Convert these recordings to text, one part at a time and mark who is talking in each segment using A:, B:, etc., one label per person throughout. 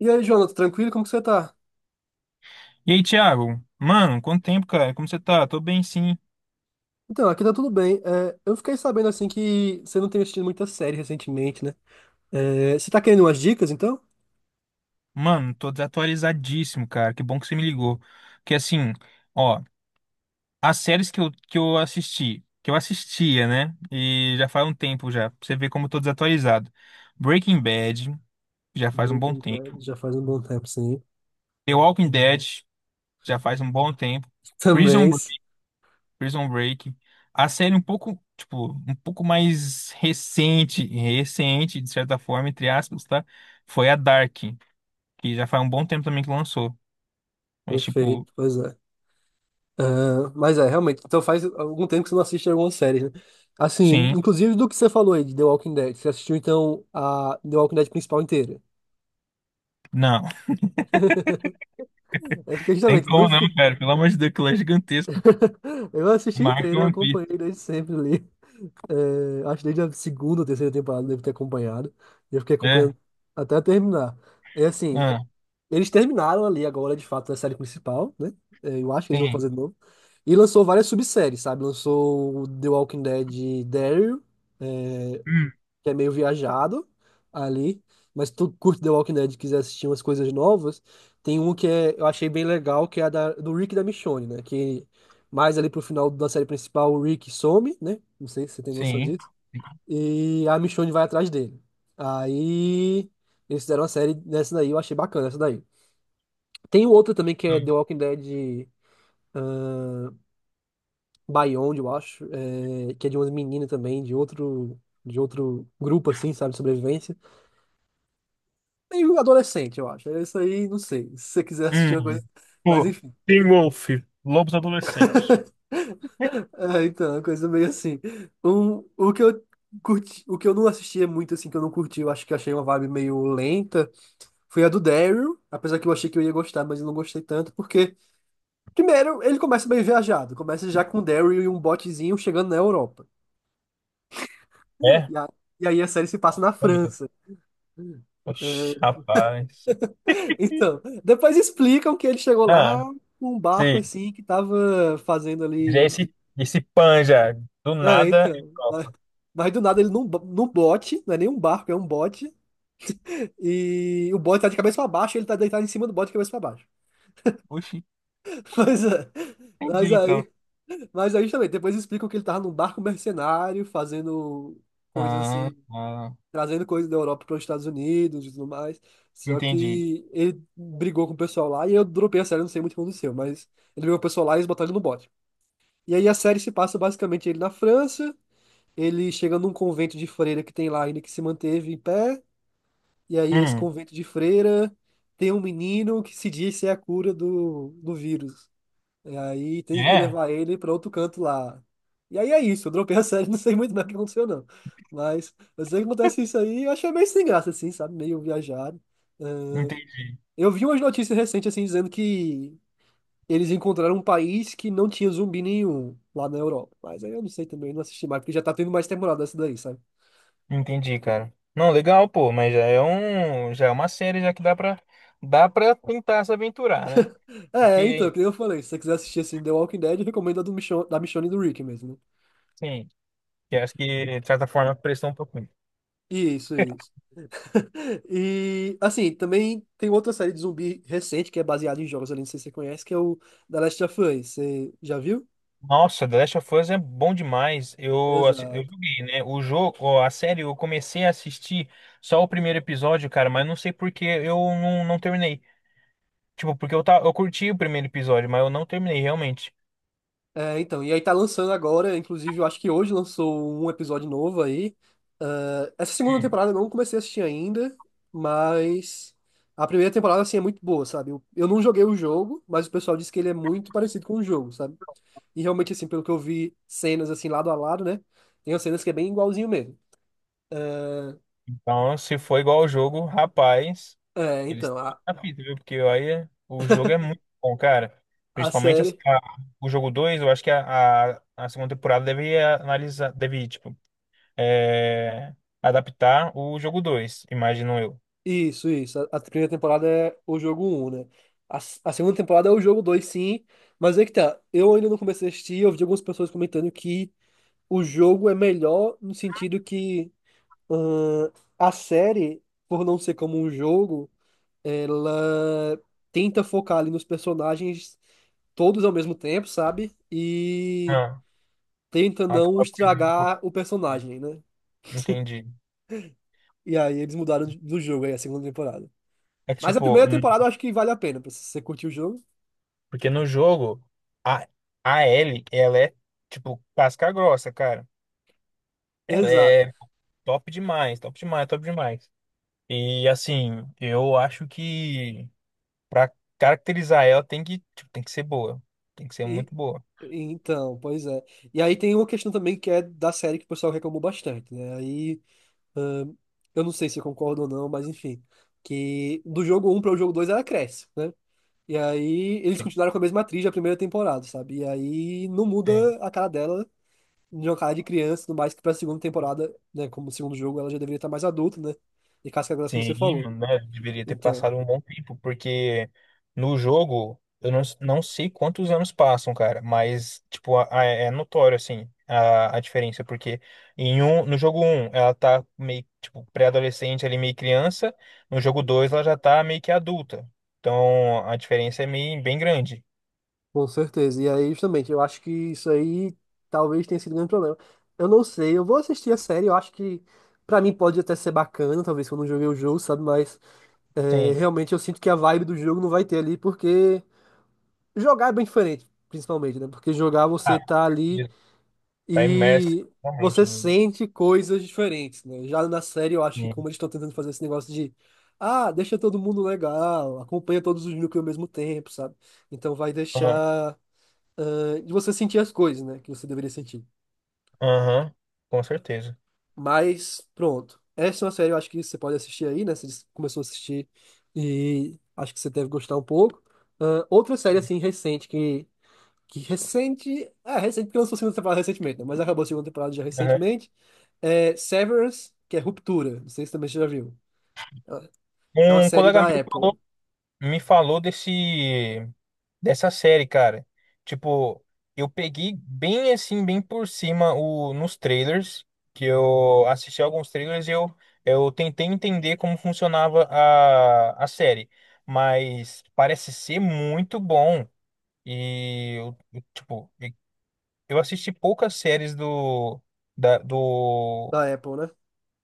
A: E aí, Jonathan, tranquilo? Como que você tá?
B: E aí, Thiago? Mano, quanto tempo, cara? Como você tá? Tô bem, sim.
A: Então, aqui tá tudo bem. É, eu fiquei sabendo, assim, que você não tem assistido muita série recentemente, né? É, você tá querendo umas dicas, então?
B: Mano, tô desatualizadíssimo, cara. Que bom que você me ligou. Porque assim, ó, as séries que eu assisti, que eu assistia, né? E já faz um tempo já, pra você ver como eu tô desatualizado. Breaking Bad, já faz um bom
A: Breaking Bad
B: tempo.
A: já faz um bom tempo, sim.
B: The Walking Dead, já faz um bom tempo. Prison
A: Também,
B: Break, Prison Break. A série um pouco, tipo, um pouco mais recente, de certa forma, entre aspas, tá? Foi a Dark, que já faz um bom tempo também que lançou. Mas, tipo,
A: perfeito, pois é. Ah, mas é, realmente, então faz algum tempo que você não assiste alguma série, né? Assim,
B: sim,
A: inclusive do que você falou aí de The Walking Dead. Você assistiu, então, a The Walking Dead principal inteira?
B: não.
A: É porque,
B: Tem
A: justamente, no
B: como não,
A: fim...
B: cara. Pelo amor de Deus, aquilo é gigantesco.
A: Eu assisti
B: Marca
A: inteiro, eu
B: One Piece.
A: acompanhei desde sempre ali. É, acho que desde a segunda ou terceira temporada eu devo ter acompanhado. Eu fiquei acompanhando
B: É.
A: até terminar. É assim,
B: Ah,
A: eles terminaram ali agora, de fato, a série principal, né? É, eu acho que eles não vão
B: sim.
A: fazer de novo. E lançou várias subséries, sabe? Lançou o The Walking Dead Daryl, é,
B: Hum,
A: que é meio viajado ali. Mas se tu curte The Walking Dead e quiser assistir umas coisas novas, tem um que é, eu achei bem legal, que é do Rick e da Michonne, né? Que mais ali pro final da série principal, o Rick some, né? Não sei se você tem noção
B: sim.
A: disso. E a Michonne vai atrás dele. Aí eles fizeram uma série nessa daí, eu achei bacana essa daí. Tem outra também que é The Walking Dead ah, Beyond, eu acho, é, que é de umas meninas também, de outro grupo, assim, sabe, de sobrevivência. Meio adolescente, eu acho. É isso aí, não sei. Se você quiser assistir
B: Hum.
A: uma coisa. Mas
B: Pô,
A: enfim.
B: Teen Wolf, Lobos Adolescentes.
A: É, então, é uma coisa meio assim. O que eu curti, o que eu não assistia muito, assim, que eu não curti, eu acho que achei uma vibe meio lenta. Foi a do Daryl, apesar que eu achei que eu ia gostar, mas eu não gostei tanto, porque, primeiro, ele começa bem viajado, começa já com o Daryl e um botezinho chegando na Europa.
B: É?
A: E, a- e aí a série se passa na
B: Meu Deus.
A: França.
B: Oxi,
A: É,
B: rapaz.
A: então, depois explicam que ele chegou
B: Ah,
A: lá com um barco
B: sim.
A: assim que tava fazendo
B: Já é
A: ali.
B: esse, esse pan já. Do
A: Ah,
B: nada. É
A: então. Mas,
B: próprio.
A: mas do nada ele num bote, não é nem um barco, é um bote. E o bote tá de cabeça pra baixo, ele tá deitado em cima do bote de cabeça pra baixo.
B: Oxi,
A: Mas, é, mas
B: entendi então.
A: aí Mas aí também, depois explicam que ele tava num barco mercenário, fazendo coisas
B: Ah,
A: assim,
B: ah,
A: trazendo coisas da Europa para os Estados Unidos e tudo mais. Só
B: entendi.
A: que ele brigou com o pessoal lá e eu dropei a série, não sei muito o que aconteceu, mas ele brigou com o pessoal lá e eles botaram ele no bote. E aí a série se passa basicamente ele na França, ele chega num convento de freira que tem lá ainda que se manteve em pé, e aí esse
B: Hum,
A: convento de freira tem um menino que se diz ser a cura do vírus. E aí tem que
B: é?
A: levar ele pra outro canto lá. E aí é isso, eu dropei a série, não sei muito bem o que aconteceu, não. Mas eu sei que acontece isso aí, eu achei meio sem graça, assim, sabe? Meio viajado. É,
B: Entendi.
A: eu vi umas notícias recentes, assim, dizendo que eles encontraram um país que não tinha zumbi nenhum lá na Europa. Mas aí eu não sei também, não assisti mais, porque já tá tendo mais temporada essa daí, sabe?
B: Entendi, cara. Não, legal, pô, mas já é uma série já que dá pra tentar se aventurar, né?
A: É, então,
B: Porque,
A: que nem eu falei, se você quiser assistir, assim, The Walking Dead, eu recomendo da Michonne e do Rick mesmo, né?
B: sim, que acho que de certa forma prestou um pouquinho.
A: Isso, isso. E, assim, também tem outra série de zumbi recente que é baseada em jogos ali, não sei se você conhece, que é o The Last of Us. Você já viu?
B: Nossa, The Last of Us é bom demais. Eu, eu
A: Exato.
B: joguei, né? O jogo, ó, a série, eu comecei a assistir só o primeiro episódio, cara, mas não sei por que eu não, não terminei. Tipo, porque eu, tá, eu curti o primeiro episódio, mas eu não terminei realmente.
A: É, então, e aí tá lançando agora, inclusive eu acho que hoje lançou um episódio novo aí. Ah, essa segunda
B: Hum.
A: temporada eu não comecei a assistir ainda, mas a primeira temporada, assim, é muito boa, sabe? Eu não joguei o jogo, mas o pessoal disse que ele é muito parecido com o jogo, sabe? E realmente, assim, pelo que eu vi cenas, assim, lado a lado, né? Tem umas cenas que é bem igualzinho mesmo.
B: Então, se for igual ao jogo, rapaz.
A: É,
B: Eles
A: então,
B: estão no
A: a,
B: capítulo, viu? Porque o jogo é muito bom, cara.
A: a
B: Principalmente
A: série.
B: o jogo 2 eu acho que a segunda temporada deve analisar, deve, tipo, é, adaptar o jogo 2, imagino eu.
A: Isso, isso. A primeira temporada é o jogo um, né? A segunda temporada é o jogo dois, sim. Mas é que tá. Eu ainda não comecei a assistir. Eu vi algumas pessoas comentando que o jogo é melhor no sentido que ahn, a série, por não ser como um jogo, ela tenta focar ali nos personagens todos ao mesmo tempo, sabe? E
B: Ah,
A: tenta não
B: acaba perdendo um
A: estragar
B: pouco
A: o
B: dele.
A: personagem, né?
B: Entendi.
A: E aí eles mudaram do jogo aí, a segunda temporada.
B: É que,
A: Mas a
B: tipo,
A: primeira temporada eu acho que vale a pena, pra você curtir o jogo.
B: porque no jogo, a, a Ellie, ela é, tipo, casca grossa, cara. Ela
A: Exato.
B: é top demais, top demais, top demais. E, assim, eu acho que, pra caracterizar ela, tem que, tipo, tem que ser boa. Tem que ser
A: E,
B: muito boa.
A: então, pois é. E aí tem uma questão também que é da série que o pessoal reclamou bastante, né? Aí, ahn, eu não sei se eu concordo ou não, mas enfim. Que do jogo um para o jogo 2 ela cresce, né? E aí eles continuaram com a mesma atriz da primeira temporada, sabe? E aí não
B: Sim.
A: muda a cara dela, de uma cara de criança, no mais que pra segunda temporada, né? Como segundo jogo ela já deveria estar mais adulta, né? E casca grossa, como
B: Sim,
A: você falou.
B: mano, né? Deveria ter
A: Então.
B: passado um bom tempo, porque no jogo, eu não, não sei quantos anos passam, cara, mas, tipo, é notório, assim, a diferença, porque em um, no jogo um, ela tá meio, tipo, pré-adolescente ali, meio criança, no jogo 2 ela já tá meio que adulta. Então, a diferença é meio, bem grande.
A: Com certeza. E aí, justamente, eu acho que isso aí talvez tenha sido o grande problema. Eu não sei, eu vou assistir a série, eu acho que pra mim pode até ser bacana, talvez se eu não joguei o jogo, sabe? Mas é,
B: Sim.
A: realmente eu sinto que a vibe do jogo não vai ter ali, porque jogar é bem diferente, principalmente, né? Porque jogar você
B: Ah,
A: tá ali
B: tá imerso
A: e
B: realmente
A: você sente coisas diferentes, né? Já na série eu acho que
B: no...
A: como eles estão tentando fazer esse negócio de deixa todo mundo legal, acompanha todos os núcleos ao mesmo tempo, sabe? Então vai deixar de você sentir as coisas, né? Que você deveria sentir.
B: Aham, com certeza.
A: Mas, pronto. Essa é uma série, eu acho que você pode assistir aí, né? Você disse que começou a assistir e acho que você deve gostar um pouco. Ah, outra série, assim, recente, que recente. É, recente, porque lançou a segunda temporada recentemente, né? Mas acabou a segunda temporada já
B: Aham.
A: recentemente. É Severance, que é Ruptura. Não sei se também você já viu. É é uma
B: Um
A: série
B: colega
A: da
B: meu
A: Apple.
B: me falou desse, dessa série, cara. Tipo, eu peguei bem assim, bem por cima o, nos trailers, que eu assisti alguns trailers e eu tentei entender como funcionava a série. Mas parece ser muito bom. E, tipo, eu assisti poucas séries do, da, do
A: Da Apple, né?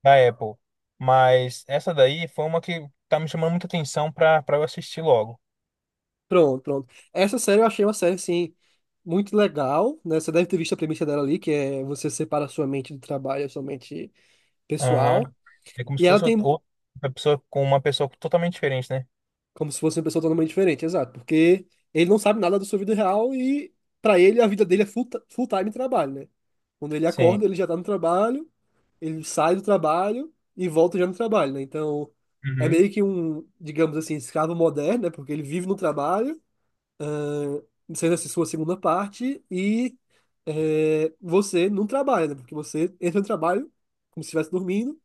B: da Apple. Mas essa daí foi uma que tá me chamando muita atenção pra, pra eu assistir logo.
A: Pronto, pronto. Essa série eu achei uma série, assim, muito legal, né? Você deve ter visto a premissa dela ali, que é você separa a sua mente do trabalho, a sua mente
B: Aham.
A: pessoal.
B: É como se
A: E ela
B: fosse
A: tem
B: outra pessoa com uma pessoa totalmente diferente, né?
A: como se fosse uma pessoa totalmente diferente, exato, porque ele não sabe nada da sua vida real e para ele a vida dele é full time trabalho, né? Quando ele
B: Sim.
A: acorda, ele já tá no trabalho, ele sai do trabalho e volta já no trabalho, né? Então, é
B: Uhum.
A: meio que um, digamos assim, escravo moderno, né? Porque ele vive no trabalho sendo essa sua segunda parte, e você não trabalha, né? Porque você entra no trabalho como se estivesse dormindo,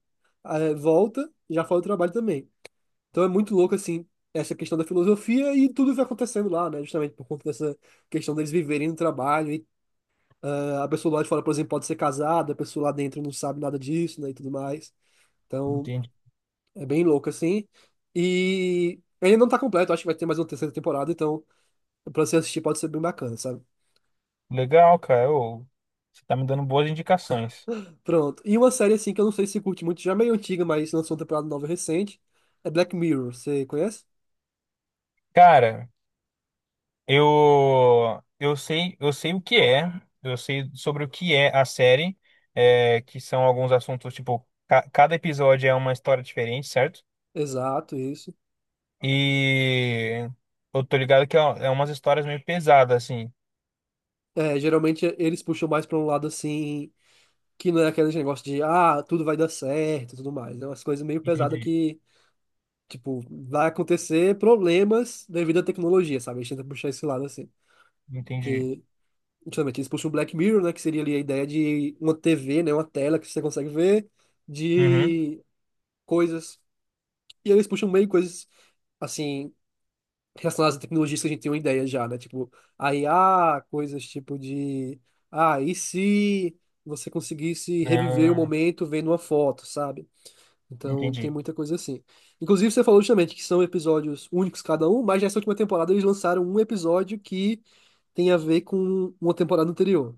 A: volta e já faz o trabalho também. Então é muito louco, assim, essa questão da filosofia e tudo vai acontecendo lá, né? Justamente por conta dessa questão deles viverem no trabalho. E, a pessoa lá de fora, por exemplo, pode ser casada, a pessoa lá dentro não sabe nada disso, né? E tudo mais. Então
B: Entendi.
A: é bem louco, assim. E, ele não tá completo, acho que vai ter mais uma terceira temporada, então pra você assistir pode ser bem bacana, sabe?
B: Legal, cara. Ô, você tá me dando boas indicações.
A: Pronto. E uma série assim que eu não sei se você curte muito, já é meio antiga, mas lançou uma temporada nova recente. É Black Mirror, você conhece?
B: Cara, eu sei, eu sei o que é, eu sei sobre o que é a série, é, que são alguns assuntos, tipo, cada episódio é uma história diferente, certo?
A: Exato, isso.
B: E eu tô ligado que é umas histórias meio pesadas, assim.
A: É, geralmente eles puxam mais pra um lado assim, que não é aquele negócio de, tudo vai dar certo e tudo mais. É umas coisas meio pesadas
B: Entendi.
A: que, tipo, vai acontecer problemas devido à tecnologia, sabe? A gente tenta puxar esse lado assim.
B: Entendi.
A: Que, justamente, eles puxam o Black Mirror, né? Que seria ali a ideia de uma TV, né? Uma tela que você consegue ver
B: Uhum.
A: de coisas. E eles puxam meio coisas assim relacionadas a tecnologias que a gente tem uma ideia já, né? Tipo, a IA, coisas tipo de, e se você conseguisse reviver o
B: Ah,
A: momento vendo uma foto, sabe? Então, tem
B: entendi.
A: muita coisa assim. Inclusive, você falou justamente que são episódios únicos cada um, mas nessa última temporada eles lançaram um episódio que tem a ver com uma temporada anterior.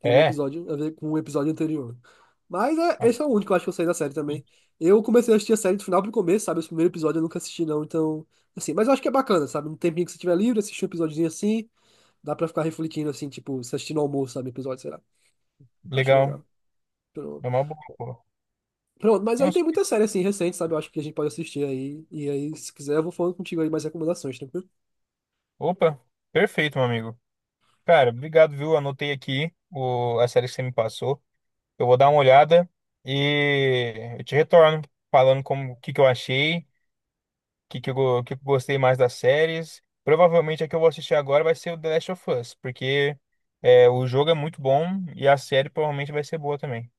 A: Tem um
B: É,
A: episódio a ver com o episódio anterior. Mas é,
B: ah,
A: esse é o único, eu acho que eu saí da série também. Eu comecei a assistir a série do final pro começo, sabe? Esse primeiro episódio eu nunca assisti, não. Então, assim, mas eu acho que é bacana, sabe? Um tempinho que você tiver livre, assistir um episódiozinho assim, dá pra ficar refletindo, assim, tipo, se assistindo ao almoço, sabe? Episódio, sei lá. Acho
B: legal.
A: legal.
B: É
A: Pronto.
B: uma boa, pô.
A: Pronto, mas aí tem
B: Nossa.
A: muita série, assim, recente, sabe? Eu acho que a gente pode assistir aí. E aí, se quiser, eu vou falando contigo aí mais recomendações, tá tranquilo?
B: Opa, perfeito, meu amigo. Cara, obrigado, viu? Anotei aqui o, a série que você me passou. Eu vou dar uma olhada e eu te retorno falando como o que que eu achei, que eu gostei mais das séries. Provavelmente a que eu vou assistir agora vai ser o The Last of Us, porque é, o jogo é muito bom e a série provavelmente vai ser boa também.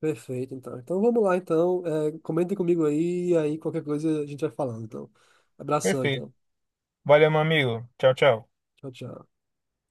A: Perfeito, então. Então vamos lá, então. É, comentem comigo aí, e aí qualquer coisa a gente vai falando, então. Abração,
B: Perfeito.
A: então.
B: Valeu, meu amigo. Tchau, tchau.
A: Tchau, tchau.